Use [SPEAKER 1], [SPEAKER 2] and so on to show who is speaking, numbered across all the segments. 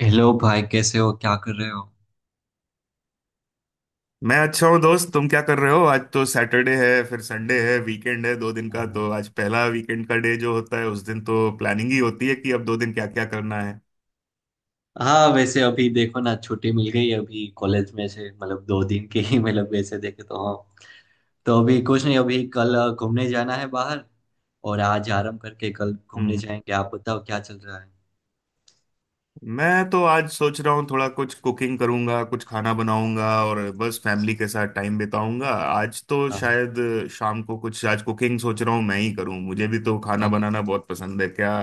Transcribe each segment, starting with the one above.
[SPEAKER 1] Hello भाई, कैसे हो? क्या कर रहे हो?
[SPEAKER 2] मैं अच्छा हूँ दोस्त। तुम क्या कर रहे हो? आज तो सैटरडे है, फिर संडे है, वीकेंड है दो दिन का। तो आज पहला वीकेंड का डे जो होता है उस दिन तो प्लानिंग ही होती
[SPEAKER 1] हाँ,
[SPEAKER 2] है कि अब दो दिन क्या क्या करना है।
[SPEAKER 1] हाँ। वैसे अभी देखो ना, छुट्टी मिल गई अभी कॉलेज में से, मतलब दो दिन की ही, मतलब वैसे देखे तो हाँ। तो अभी कुछ नहीं, अभी कल घूमने जाना है बाहर। और आज आराम करके कल घूमने
[SPEAKER 2] हम्म
[SPEAKER 1] जाएंगे। आप बताओ क्या चल रहा है?
[SPEAKER 2] मैं तो आज सोच रहा हूँ, थोड़ा कुछ कुकिंग करूंगा, कुछ खाना बनाऊंगा और बस फैमिली के साथ टाइम बिताऊंगा आज तो
[SPEAKER 1] हाँ, हाँ।
[SPEAKER 2] शायद। शाम को कुछ आज कुकिंग सोच रहा हूँ मैं ही करूँ। मुझे भी तो खाना
[SPEAKER 1] हाँ, हाँ।
[SPEAKER 2] बनाना बहुत पसंद है। क्या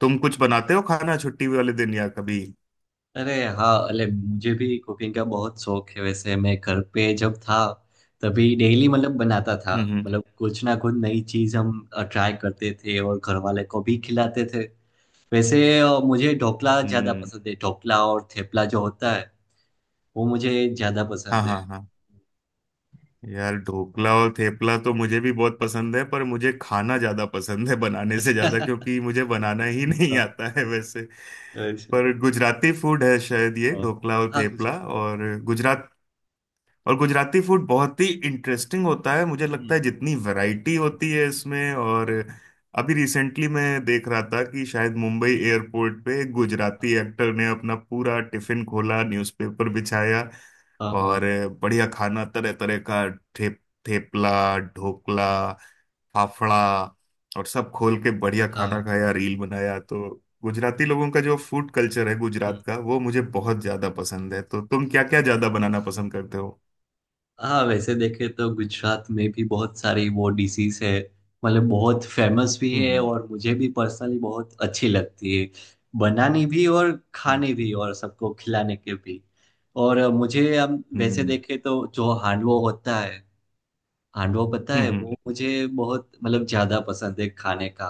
[SPEAKER 2] तुम कुछ बनाते हो खाना छुट्टी वाले दिन या कभी?
[SPEAKER 1] अरे हाँ, अरे मुझे भी कुकिंग का बहुत शौक है। वैसे मैं घर पे जब था, तभी डेली मतलब बनाता था।
[SPEAKER 2] हम्म। हम्म।
[SPEAKER 1] मतलब कुछ ना कुछ नई चीज हम ट्राई करते थे और घर वाले को भी खिलाते थे। वैसे मुझे ढोकला ज्यादा
[SPEAKER 2] हम्म।
[SPEAKER 1] पसंद है। ढोकला और थेपला जो होता है, वो मुझे ज्यादा
[SPEAKER 2] हाँ,
[SPEAKER 1] पसंद है।
[SPEAKER 2] हाँ, हाँ। यार, ढोकला और थेपला तो मुझे भी बहुत पसंद है, पर मुझे खाना ज्यादा पसंद है बनाने से ज्यादा,
[SPEAKER 1] अच्छा।
[SPEAKER 2] क्योंकि मुझे बनाना ही नहीं
[SPEAKER 1] हाँ।
[SPEAKER 2] आता है वैसे।
[SPEAKER 1] अच्छा।
[SPEAKER 2] पर गुजराती फूड है शायद ये,
[SPEAKER 1] हाँ,
[SPEAKER 2] ढोकला और
[SPEAKER 1] हाँ,
[SPEAKER 2] थेपला।
[SPEAKER 1] मुझे।
[SPEAKER 2] और गुजरात और गुजराती फूड बहुत ही इंटरेस्टिंग होता है मुझे लगता है,
[SPEAKER 1] हम्म।
[SPEAKER 2] जितनी वैरायटी होती है इसमें और। अभी रिसेंटली मैं देख रहा था कि शायद मुंबई एयरपोर्ट पे एक
[SPEAKER 1] हाँ,
[SPEAKER 2] गुजराती एक्टर ने अपना पूरा टिफिन खोला, न्यूज़पेपर बिछाया
[SPEAKER 1] हाँ, हाँ,
[SPEAKER 2] और बढ़िया खाना तरह तरह का, ठेप थेपला, ढोकला, फाफड़ा, और सब खोल के बढ़िया खाना
[SPEAKER 1] हाँ।
[SPEAKER 2] खाया, रील बनाया। तो गुजराती लोगों का जो फूड कल्चर है
[SPEAKER 1] हम्म।
[SPEAKER 2] गुजरात का वो मुझे बहुत ज्यादा पसंद है। तो तुम क्या क्या ज्यादा बनाना पसंद करते?
[SPEAKER 1] हाँ, वैसे देखे तो गुजरात में भी बहुत सारी वो डिशेस है। मतलब बहुत फेमस भी है
[SPEAKER 2] हम्म।
[SPEAKER 1] और मुझे भी पर्सनली बहुत अच्छी लगती है। बनानी भी और
[SPEAKER 2] हम्म।
[SPEAKER 1] खाने भी और सबको खिलाने के भी। और मुझे हम वैसे
[SPEAKER 2] हम्म।
[SPEAKER 1] देखे तो जो हांडवो होता है। हांडवा पता है,
[SPEAKER 2] हम्म।
[SPEAKER 1] वो मुझे बहुत मतलब ज्यादा पसंद है खाने का।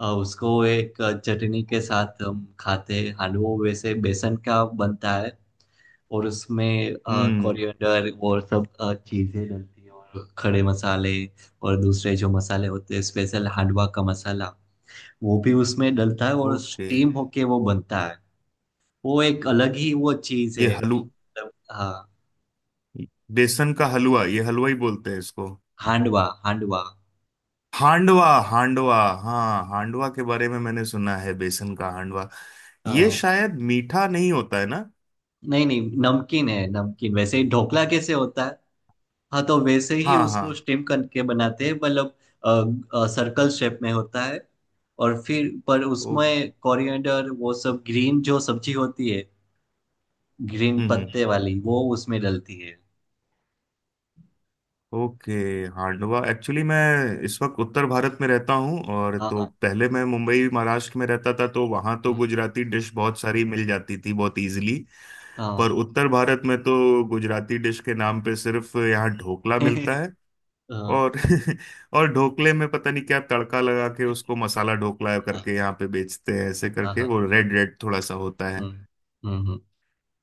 [SPEAKER 1] उसको एक चटनी के
[SPEAKER 2] हाँ,
[SPEAKER 1] साथ हम खाते हैं। हांडवा वैसे बेसन का बनता है, और उसमें
[SPEAKER 2] हम्म। हम्म।
[SPEAKER 1] कोरिएंडर और सब चीजें डलती है, और खड़े मसाले और दूसरे जो मसाले होते हैं, स्पेशल हांडवा का मसाला, वो भी उसमें डलता है और
[SPEAKER 2] ओके।
[SPEAKER 1] स्टीम होके वो बनता है। वो एक अलग ही वो चीज
[SPEAKER 2] ये
[SPEAKER 1] है।
[SPEAKER 2] हलू
[SPEAKER 1] मतलब हाँ।
[SPEAKER 2] बेसन का हलवा, ये हलवा ही बोलते हैं इसको?
[SPEAKER 1] हांडवा, हांडवा।
[SPEAKER 2] हांडवा, हांडवा। हाँ, हांडवा के बारे में मैंने सुना है, बेसन का हांडवा। ये शायद मीठा नहीं होता है ना?
[SPEAKER 1] नहीं, नहीं, नमकीन है। नमकीन वैसे ही ढोकला कैसे होता है, हाँ, तो वैसे ही
[SPEAKER 2] हाँ,
[SPEAKER 1] उसको
[SPEAKER 2] हाँ।
[SPEAKER 1] स्टीम करके बनाते हैं, मतलब सर्कल शेप में होता है। और फिर पर
[SPEAKER 2] ओ। हम्म।
[SPEAKER 1] उसमें कोरिएंडर वो सब ग्रीन जो सब्जी होती है, ग्रीन
[SPEAKER 2] हम्म।
[SPEAKER 1] पत्ते वाली, वो उसमें डलती है।
[SPEAKER 2] ओके। हांडवा। एक्चुअली मैं इस वक्त उत्तर भारत में रहता हूँ, और
[SPEAKER 1] हाँ,
[SPEAKER 2] तो
[SPEAKER 1] हाँ।
[SPEAKER 2] पहले मैं मुंबई महाराष्ट्र में रहता था, तो वहाँ तो
[SPEAKER 1] हम्म।
[SPEAKER 2] गुजराती डिश बहुत सारी मिल जाती थी, बहुत इजीली।
[SPEAKER 1] हाँ।
[SPEAKER 2] पर उत्तर भारत में तो गुजराती डिश के नाम पे सिर्फ यहाँ ढोकला मिलता है।
[SPEAKER 1] हाँ,
[SPEAKER 2] और और ढोकले में पता नहीं क्या तड़का लगा के उसको मसाला ढोकला करके यहाँ पे बेचते हैं, ऐसे
[SPEAKER 1] हाँ,
[SPEAKER 2] करके
[SPEAKER 1] हाँ, हाँ।
[SPEAKER 2] वो रेड रेड थोड़ा सा होता है।
[SPEAKER 1] हम्म, हम्म, हम्म।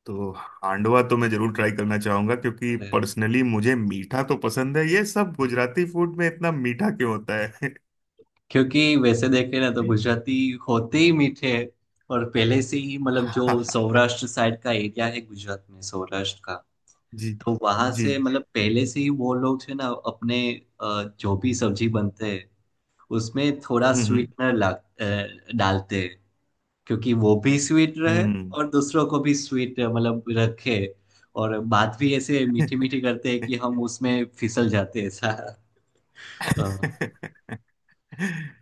[SPEAKER 2] तो हांडवा तो मैं जरूर ट्राई करना चाहूंगा, क्योंकि
[SPEAKER 1] अरे,
[SPEAKER 2] पर्सनली मुझे मीठा तो पसंद है। ये सब गुजराती फूड में इतना मीठा क्यों होता है?
[SPEAKER 1] क्योंकि वैसे देखे ना, तो गुजराती होते ही मीठे हैं। और पहले से ही, मतलब जो सौराष्ट्र साइड का एरिया है गुजरात में, सौराष्ट्र का,
[SPEAKER 2] जी।
[SPEAKER 1] तो वहां
[SPEAKER 2] जी।
[SPEAKER 1] से, मतलब पहले से ही वो लोग है ना अपने, जो भी सब्जी बनते हैं उसमें थोड़ा
[SPEAKER 2] हम्म।
[SPEAKER 1] स्वीटनर ला डालते हैं, क्योंकि वो भी स्वीट रहे
[SPEAKER 2] हम्म।
[SPEAKER 1] और दूसरों को भी स्वीट मतलब रखे। और बात भी ऐसे मीठी मीठी करते हैं कि हम उसमें फिसल जाते हैं ऐसा। अ,
[SPEAKER 2] हम्म।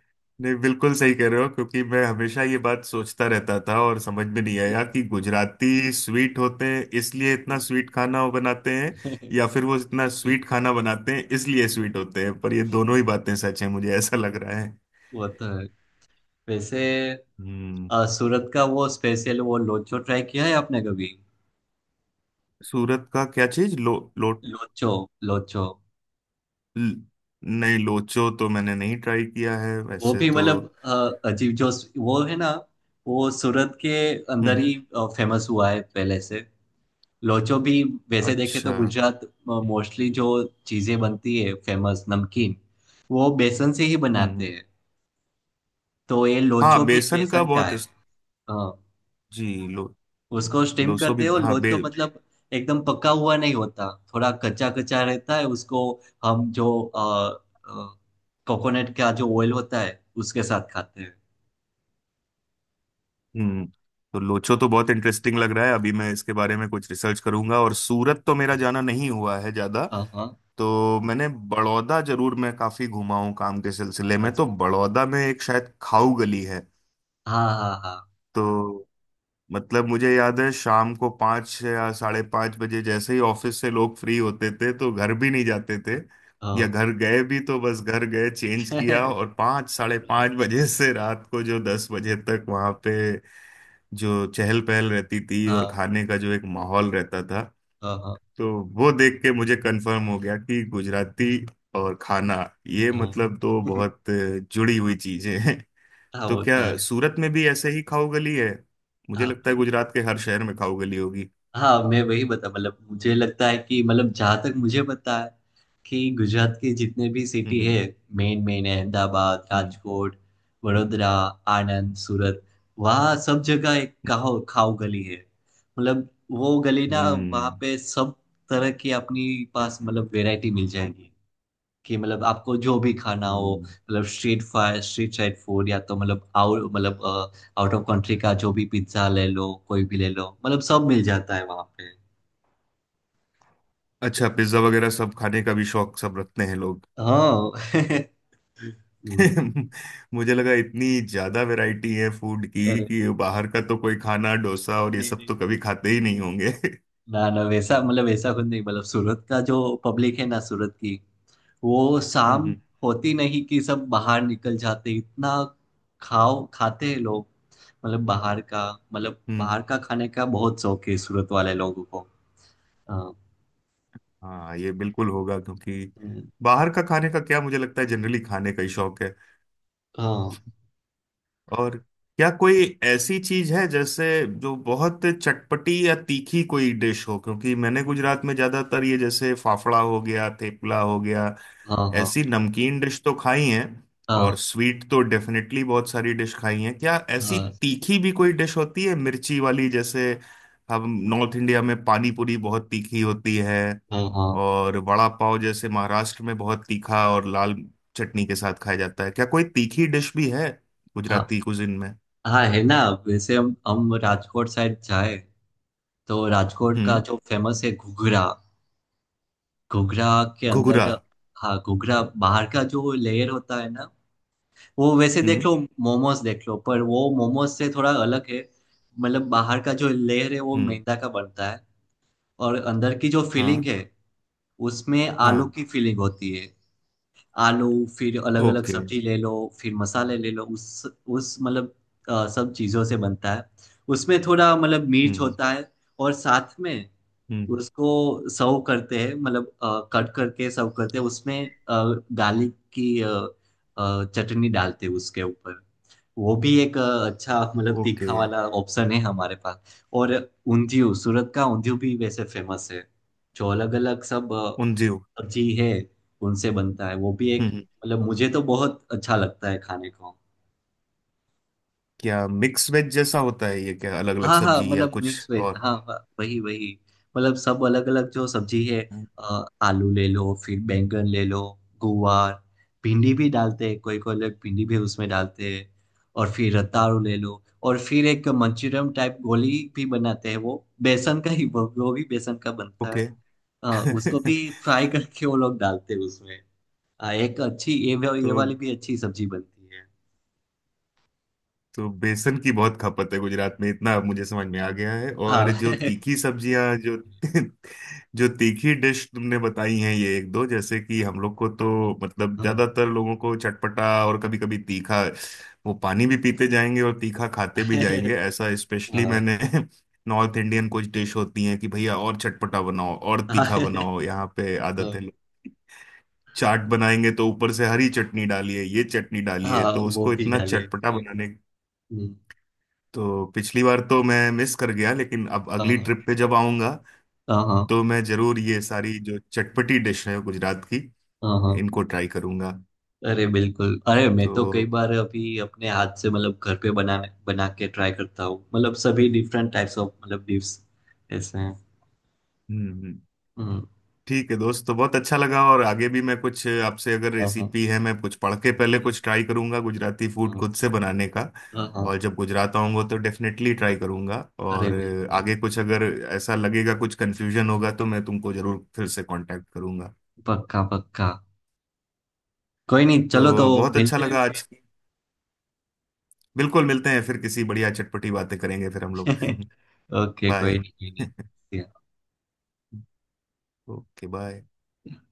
[SPEAKER 2] नहीं, बिल्कुल सही कह रहे हो। क्योंकि मैं हमेशा ये बात सोचता रहता था और समझ में नहीं आया कि गुजराती स्वीट होते हैं इसलिए इतना स्वीट खाना वो बनाते हैं, या फिर वो इतना स्वीट खाना बनाते हैं इसलिए स्वीट होते हैं। पर ये दोनों ही बातें सच है, मुझे ऐसा लग रहा है।
[SPEAKER 1] वो तो है। वैसे
[SPEAKER 2] हम्म
[SPEAKER 1] सूरत का वो स्पेशल वो लोचो ट्राई किया है आपने कभी?
[SPEAKER 2] सूरत का क्या चीज? लो, लो?
[SPEAKER 1] लोचो, लोचो।
[SPEAKER 2] ल- नहीं, लोचो तो मैंने नहीं ट्राई किया है
[SPEAKER 1] वो
[SPEAKER 2] वैसे
[SPEAKER 1] भी
[SPEAKER 2] तो।
[SPEAKER 1] मतलब अजीब जो वो है ना, वो सूरत के
[SPEAKER 2] हम्म।
[SPEAKER 1] अंदर
[SPEAKER 2] हम्म।
[SPEAKER 1] ही फेमस हुआ है पहले से। लोचो भी। वैसे देखे
[SPEAKER 2] अच्छा।
[SPEAKER 1] तो गुजरात मोस्टली जो चीजें बनती है फेमस नमकीन, वो बेसन से ही
[SPEAKER 2] हम्म।
[SPEAKER 1] बनाते
[SPEAKER 2] हम्म।
[SPEAKER 1] हैं। तो ये लोचो
[SPEAKER 2] हाँ,
[SPEAKER 1] भी
[SPEAKER 2] बेसन का
[SPEAKER 1] बेसन का
[SPEAKER 2] बहुत
[SPEAKER 1] है। हाँ।
[SPEAKER 2] जी। लो।
[SPEAKER 1] उसको स्टीम
[SPEAKER 2] लोसो
[SPEAKER 1] करते
[SPEAKER 2] भी,
[SPEAKER 1] हो,
[SPEAKER 2] हाँ, बे
[SPEAKER 1] लोचो मतलब एकदम पका हुआ नहीं होता, थोड़ा कच्चा कच्चा रहता है उसको। हम जो कोकोनट का जो ऑयल होता है, उसके साथ खाते हैं।
[SPEAKER 2] हम्म तो लोचो तो बहुत इंटरेस्टिंग लग रहा है, अभी मैं इसके बारे में कुछ रिसर्च करूंगा। और सूरत तो मेरा
[SPEAKER 1] अरे,
[SPEAKER 2] जाना नहीं हुआ है ज्यादा।
[SPEAKER 1] हाँ, हाँ।
[SPEAKER 2] तो मैंने बड़ौदा जरूर, मैं काफी घुमा हूँ काम के सिलसिले में। तो
[SPEAKER 1] अच्छा।
[SPEAKER 2] बड़ौदा में एक शायद खाऊ गली है।
[SPEAKER 1] हाँ, हाँ, हाँ,
[SPEAKER 2] तो मतलब मुझे याद है, शाम को 5 या 5:30 बजे जैसे ही ऑफिस से लोग फ्री होते थे तो घर भी नहीं जाते थे, या
[SPEAKER 1] हाँ।
[SPEAKER 2] घर गए भी तो बस घर गए, चेंज किया और 5, 5:30 बजे से रात को जो 10 बजे तक वहाँ पे जो चहल पहल रहती थी और
[SPEAKER 1] हाँ,
[SPEAKER 2] खाने का जो एक माहौल रहता था।
[SPEAKER 1] हाँ, हाँ,
[SPEAKER 2] तो वो देख के मुझे कंफर्म हो गया कि गुजराती और खाना, ये
[SPEAKER 1] हाँ।
[SPEAKER 2] मतलब तो बहुत जुड़ी हुई चीजें हैं।
[SPEAKER 1] हाँ,
[SPEAKER 2] तो
[SPEAKER 1] वो
[SPEAKER 2] क्या
[SPEAKER 1] तो है।
[SPEAKER 2] सूरत में भी ऐसे ही खाओ गली है? मुझे
[SPEAKER 1] हाँ,
[SPEAKER 2] लगता है गुजरात के हर शहर में खाओ गली होगी।
[SPEAKER 1] हाँ, मैं वही बता, मतलब मुझे लगता है कि मतलब, जहाँ तक मुझे पता है कि गुजरात की जितने भी सिटी है
[SPEAKER 2] हम्म।
[SPEAKER 1] मेन मेन है, अहमदाबाद,
[SPEAKER 2] हम्म।
[SPEAKER 1] राजकोट, वडोदरा, आनंद, सूरत, वहाँ सब जगह एक खाओ खाओ गली है। मतलब वो गली ना, वहाँ
[SPEAKER 2] हम्म।
[SPEAKER 1] पे सब तरह की अपनी पास, मतलब वैरायटी मिल जाएगी कि मतलब आपको जो भी खाना हो,
[SPEAKER 2] हम्म।
[SPEAKER 1] मतलब street fire street side food या तो मतलब आउट, मतलब आउट ऑफ कंट्री का जो भी, पिज्जा ले लो, कोई भी ले लो, मतलब सब मिल जाता है वहां पे।
[SPEAKER 2] अच्छा, पिज्जा वगैरह सब खाने का भी शौक सब रखते हैं लोग?
[SPEAKER 1] हाँ। हम्म।
[SPEAKER 2] मुझे लगा इतनी ज्यादा वैरायटी है फूड की,
[SPEAKER 1] अरे
[SPEAKER 2] कि बाहर का तो कोई खाना, डोसा और ये
[SPEAKER 1] नहीं,
[SPEAKER 2] सब तो
[SPEAKER 1] नहीं,
[SPEAKER 2] कभी खाते ही नहीं होंगे।
[SPEAKER 1] ना, ना, वैसा मतलब वैसा कुछ नहीं, मतलब सूरत का जो पब्लिक है ना, सूरत की, वो
[SPEAKER 2] हम्म। हम्म।
[SPEAKER 1] शाम होती नहीं कि सब बाहर निकल जाते, इतना खाओ खाते हैं लोग। मतलब बाहर का, मतलब
[SPEAKER 2] हम्म।
[SPEAKER 1] बाहर का खाने का बहुत शौक है सूरत वाले लोगों को। हाँ।
[SPEAKER 2] हाँ, ये बिल्कुल होगा। क्योंकि
[SPEAKER 1] हम्म।
[SPEAKER 2] बाहर का खाने का क्या, मुझे लगता है जनरली खाने का ही शौक है।
[SPEAKER 1] हाँ,
[SPEAKER 2] और क्या कोई ऐसी चीज है जैसे, जो बहुत चटपटी या तीखी कोई डिश हो? क्योंकि मैंने गुजरात में ज्यादातर ये जैसे फाफड़ा हो गया, थेपला हो गया,
[SPEAKER 1] हाँ, हाँ,
[SPEAKER 2] ऐसी नमकीन डिश तो खाई हैं, और
[SPEAKER 1] हाँ,
[SPEAKER 2] स्वीट तो डेफिनेटली बहुत सारी डिश खाई हैं। क्या ऐसी
[SPEAKER 1] हाँ,
[SPEAKER 2] तीखी भी कोई डिश होती है, मिर्ची वाली जैसे? हम नॉर्थ इंडिया में पानी पूरी बहुत तीखी होती है,
[SPEAKER 1] हाँ, हाँ,
[SPEAKER 2] और वड़ा पाव जैसे महाराष्ट्र में बहुत तीखा और लाल चटनी के साथ खाया जाता है। क्या कोई तीखी डिश भी है
[SPEAKER 1] हाँ।
[SPEAKER 2] गुजराती कुजिन में?
[SPEAKER 1] हाँ, है ना। वैसे हम राजकोट साइड जाए तो राजकोट का
[SPEAKER 2] हम्म।
[SPEAKER 1] जो फेमस है, घुघरा। घुघरा के
[SPEAKER 2] घुघरा।
[SPEAKER 1] अंदर, हाँ, घुघरा बाहर का जो लेयर होता है ना, वो वैसे देख
[SPEAKER 2] हम्म।
[SPEAKER 1] लो, मोमोज देख लो, पर वो मोमोज से थोड़ा अलग है। मतलब बाहर का जो लेयर है वो
[SPEAKER 2] हम्म।
[SPEAKER 1] मैदा का बनता है, और अंदर की जो फीलिंग
[SPEAKER 2] हाँ,
[SPEAKER 1] है, उसमें आलू
[SPEAKER 2] हाँ।
[SPEAKER 1] की फीलिंग होती है। आलू, फिर अलग अलग
[SPEAKER 2] ओके।
[SPEAKER 1] सब्जी ले लो, फिर मसाले ले लो, उस मतलब सब चीज़ों से बनता है। उसमें थोड़ा मतलब
[SPEAKER 2] हम्म।
[SPEAKER 1] मिर्च
[SPEAKER 2] हम्म।
[SPEAKER 1] होता है, और साथ में
[SPEAKER 2] हम्म।
[SPEAKER 1] उसको सर्व करते हैं, मतलब कट करके सर्व करते हैं, उसमें गार्लिक की चटनी डालते हैं उसके ऊपर। वो भी एक अच्छा, मतलब
[SPEAKER 2] ओके।
[SPEAKER 1] तीखा वाला ऑप्शन है हमारे पास। और ऊंधियू, सूरत का ऊंधियू भी वैसे फेमस है। जो अलग अलग सब
[SPEAKER 2] उंधियू।
[SPEAKER 1] सब्जी है, उनसे बनता है। वो भी
[SPEAKER 2] हम्म।
[SPEAKER 1] एक,
[SPEAKER 2] हम्म।
[SPEAKER 1] मतलब मुझे तो बहुत अच्छा लगता है खाने को।
[SPEAKER 2] क्या मिक्स वेज जैसा होता है ये? क्या अलग अलग
[SPEAKER 1] हाँ, हाँ,
[SPEAKER 2] सब्जी या
[SPEAKER 1] मतलब
[SPEAKER 2] कुछ
[SPEAKER 1] मिक्स वेज,
[SPEAKER 2] और?
[SPEAKER 1] हाँ, हाँ, वही वही। मतलब सब अलग अलग जो सब्जी है, आलू ले लो, फिर बैंगन ले लो, गुवार, भिंडी भी डालते हैं, कोई कोई लोग भिंडी भी उसमें डालते हैं। और फिर रताड़ू ले लो, और फिर एक मंचूरियन टाइप गोली भी बनाते हैं, वो बेसन का ही, वो भी बेसन का बनता है।
[SPEAKER 2] ओके।
[SPEAKER 1] अ, उसको
[SPEAKER 2] तो
[SPEAKER 1] भी फ्राई करके वो लोग डालते हैं उसमें। हाँ, एक अच्छी ये वाली भी अच्छी सब्जी बनती है।
[SPEAKER 2] तो बेसन की बहुत खपत है गुजरात में, इतना अब मुझे समझ में आ गया है। और
[SPEAKER 1] हाँ।
[SPEAKER 2] जो तीखी सब्जियां जो जो तीखी डिश तुमने बताई हैं ये एक दो, जैसे कि हम लोग को तो मतलब
[SPEAKER 1] हाँ,
[SPEAKER 2] ज्यादातर लोगों को चटपटा और कभी कभी तीखा, वो पानी भी पीते जाएंगे और तीखा खाते भी जाएंगे ऐसा। स्पेशली
[SPEAKER 1] हाँ,
[SPEAKER 2] मैंने नॉर्थ इंडियन कुछ डिश होती हैं कि भैया और चटपटा बनाओ और
[SPEAKER 1] हाँ,
[SPEAKER 2] तीखा बनाओ, यहाँ पे आदत है।
[SPEAKER 1] हाँ,
[SPEAKER 2] चाट बनाएंगे तो ऊपर से हरी चटनी डालिए, ये चटनी डालिए,
[SPEAKER 1] हाँ,
[SPEAKER 2] तो
[SPEAKER 1] वो
[SPEAKER 2] उसको
[SPEAKER 1] भी
[SPEAKER 2] इतना
[SPEAKER 1] डाले
[SPEAKER 2] चटपटा
[SPEAKER 1] हाँ।
[SPEAKER 2] बनाने।
[SPEAKER 1] हम्म।
[SPEAKER 2] तो पिछली बार तो मैं मिस कर गया, लेकिन अब
[SPEAKER 1] हाँ,
[SPEAKER 2] अगली
[SPEAKER 1] हाँ,
[SPEAKER 2] ट्रिप पे जब आऊंगा
[SPEAKER 1] हाँ,
[SPEAKER 2] तो मैं जरूर ये सारी जो चटपटी डिश है गुजरात की,
[SPEAKER 1] हाँ, हाँ।
[SPEAKER 2] इनको ट्राई करूंगा।
[SPEAKER 1] अरे बिल्कुल, अरे मैं तो कई
[SPEAKER 2] तो
[SPEAKER 1] बार अभी अपने हाथ से, मतलब घर पे बना बना के ट्राई करता हूँ, मतलब सभी डिफरेंट टाइप्स ऑफ, मतलब डिश ऐसे हैं।
[SPEAKER 2] हम्म। हम्म।
[SPEAKER 1] हम्म।
[SPEAKER 2] ठीक है दोस्त, तो बहुत अच्छा लगा। और आगे भी मैं कुछ आपसे अगर
[SPEAKER 1] हाँ, हाँ,
[SPEAKER 2] रेसिपी है मैं कुछ पढ़ के पहले
[SPEAKER 1] हाँ,
[SPEAKER 2] कुछ ट्राई करूंगा गुजराती फूड
[SPEAKER 1] हाँ,
[SPEAKER 2] खुद से बनाने का।
[SPEAKER 1] हाँ, हाँ।
[SPEAKER 2] और जब गुजरात आऊंगा तो डेफिनेटली ट्राई करूंगा,
[SPEAKER 1] अरे
[SPEAKER 2] और
[SPEAKER 1] बिल्कुल।
[SPEAKER 2] आगे कुछ अगर ऐसा लगेगा कुछ कंफ्यूजन होगा तो मैं तुमको जरूर फिर से कांटेक्ट करूंगा।
[SPEAKER 1] पक्का, पक्का। कोई नहीं, चलो तो
[SPEAKER 2] तो बहुत अच्छा
[SPEAKER 1] मिलते हैं
[SPEAKER 2] लगा
[SPEAKER 1] फिर।
[SPEAKER 2] आज की। बिल्कुल, मिलते हैं फिर, किसी बढ़िया चटपटी बातें करेंगे फिर हम लोग।
[SPEAKER 1] ओके, कोई
[SPEAKER 2] बाय।
[SPEAKER 1] नहीं, कोई नहीं।
[SPEAKER 2] Okay, bye.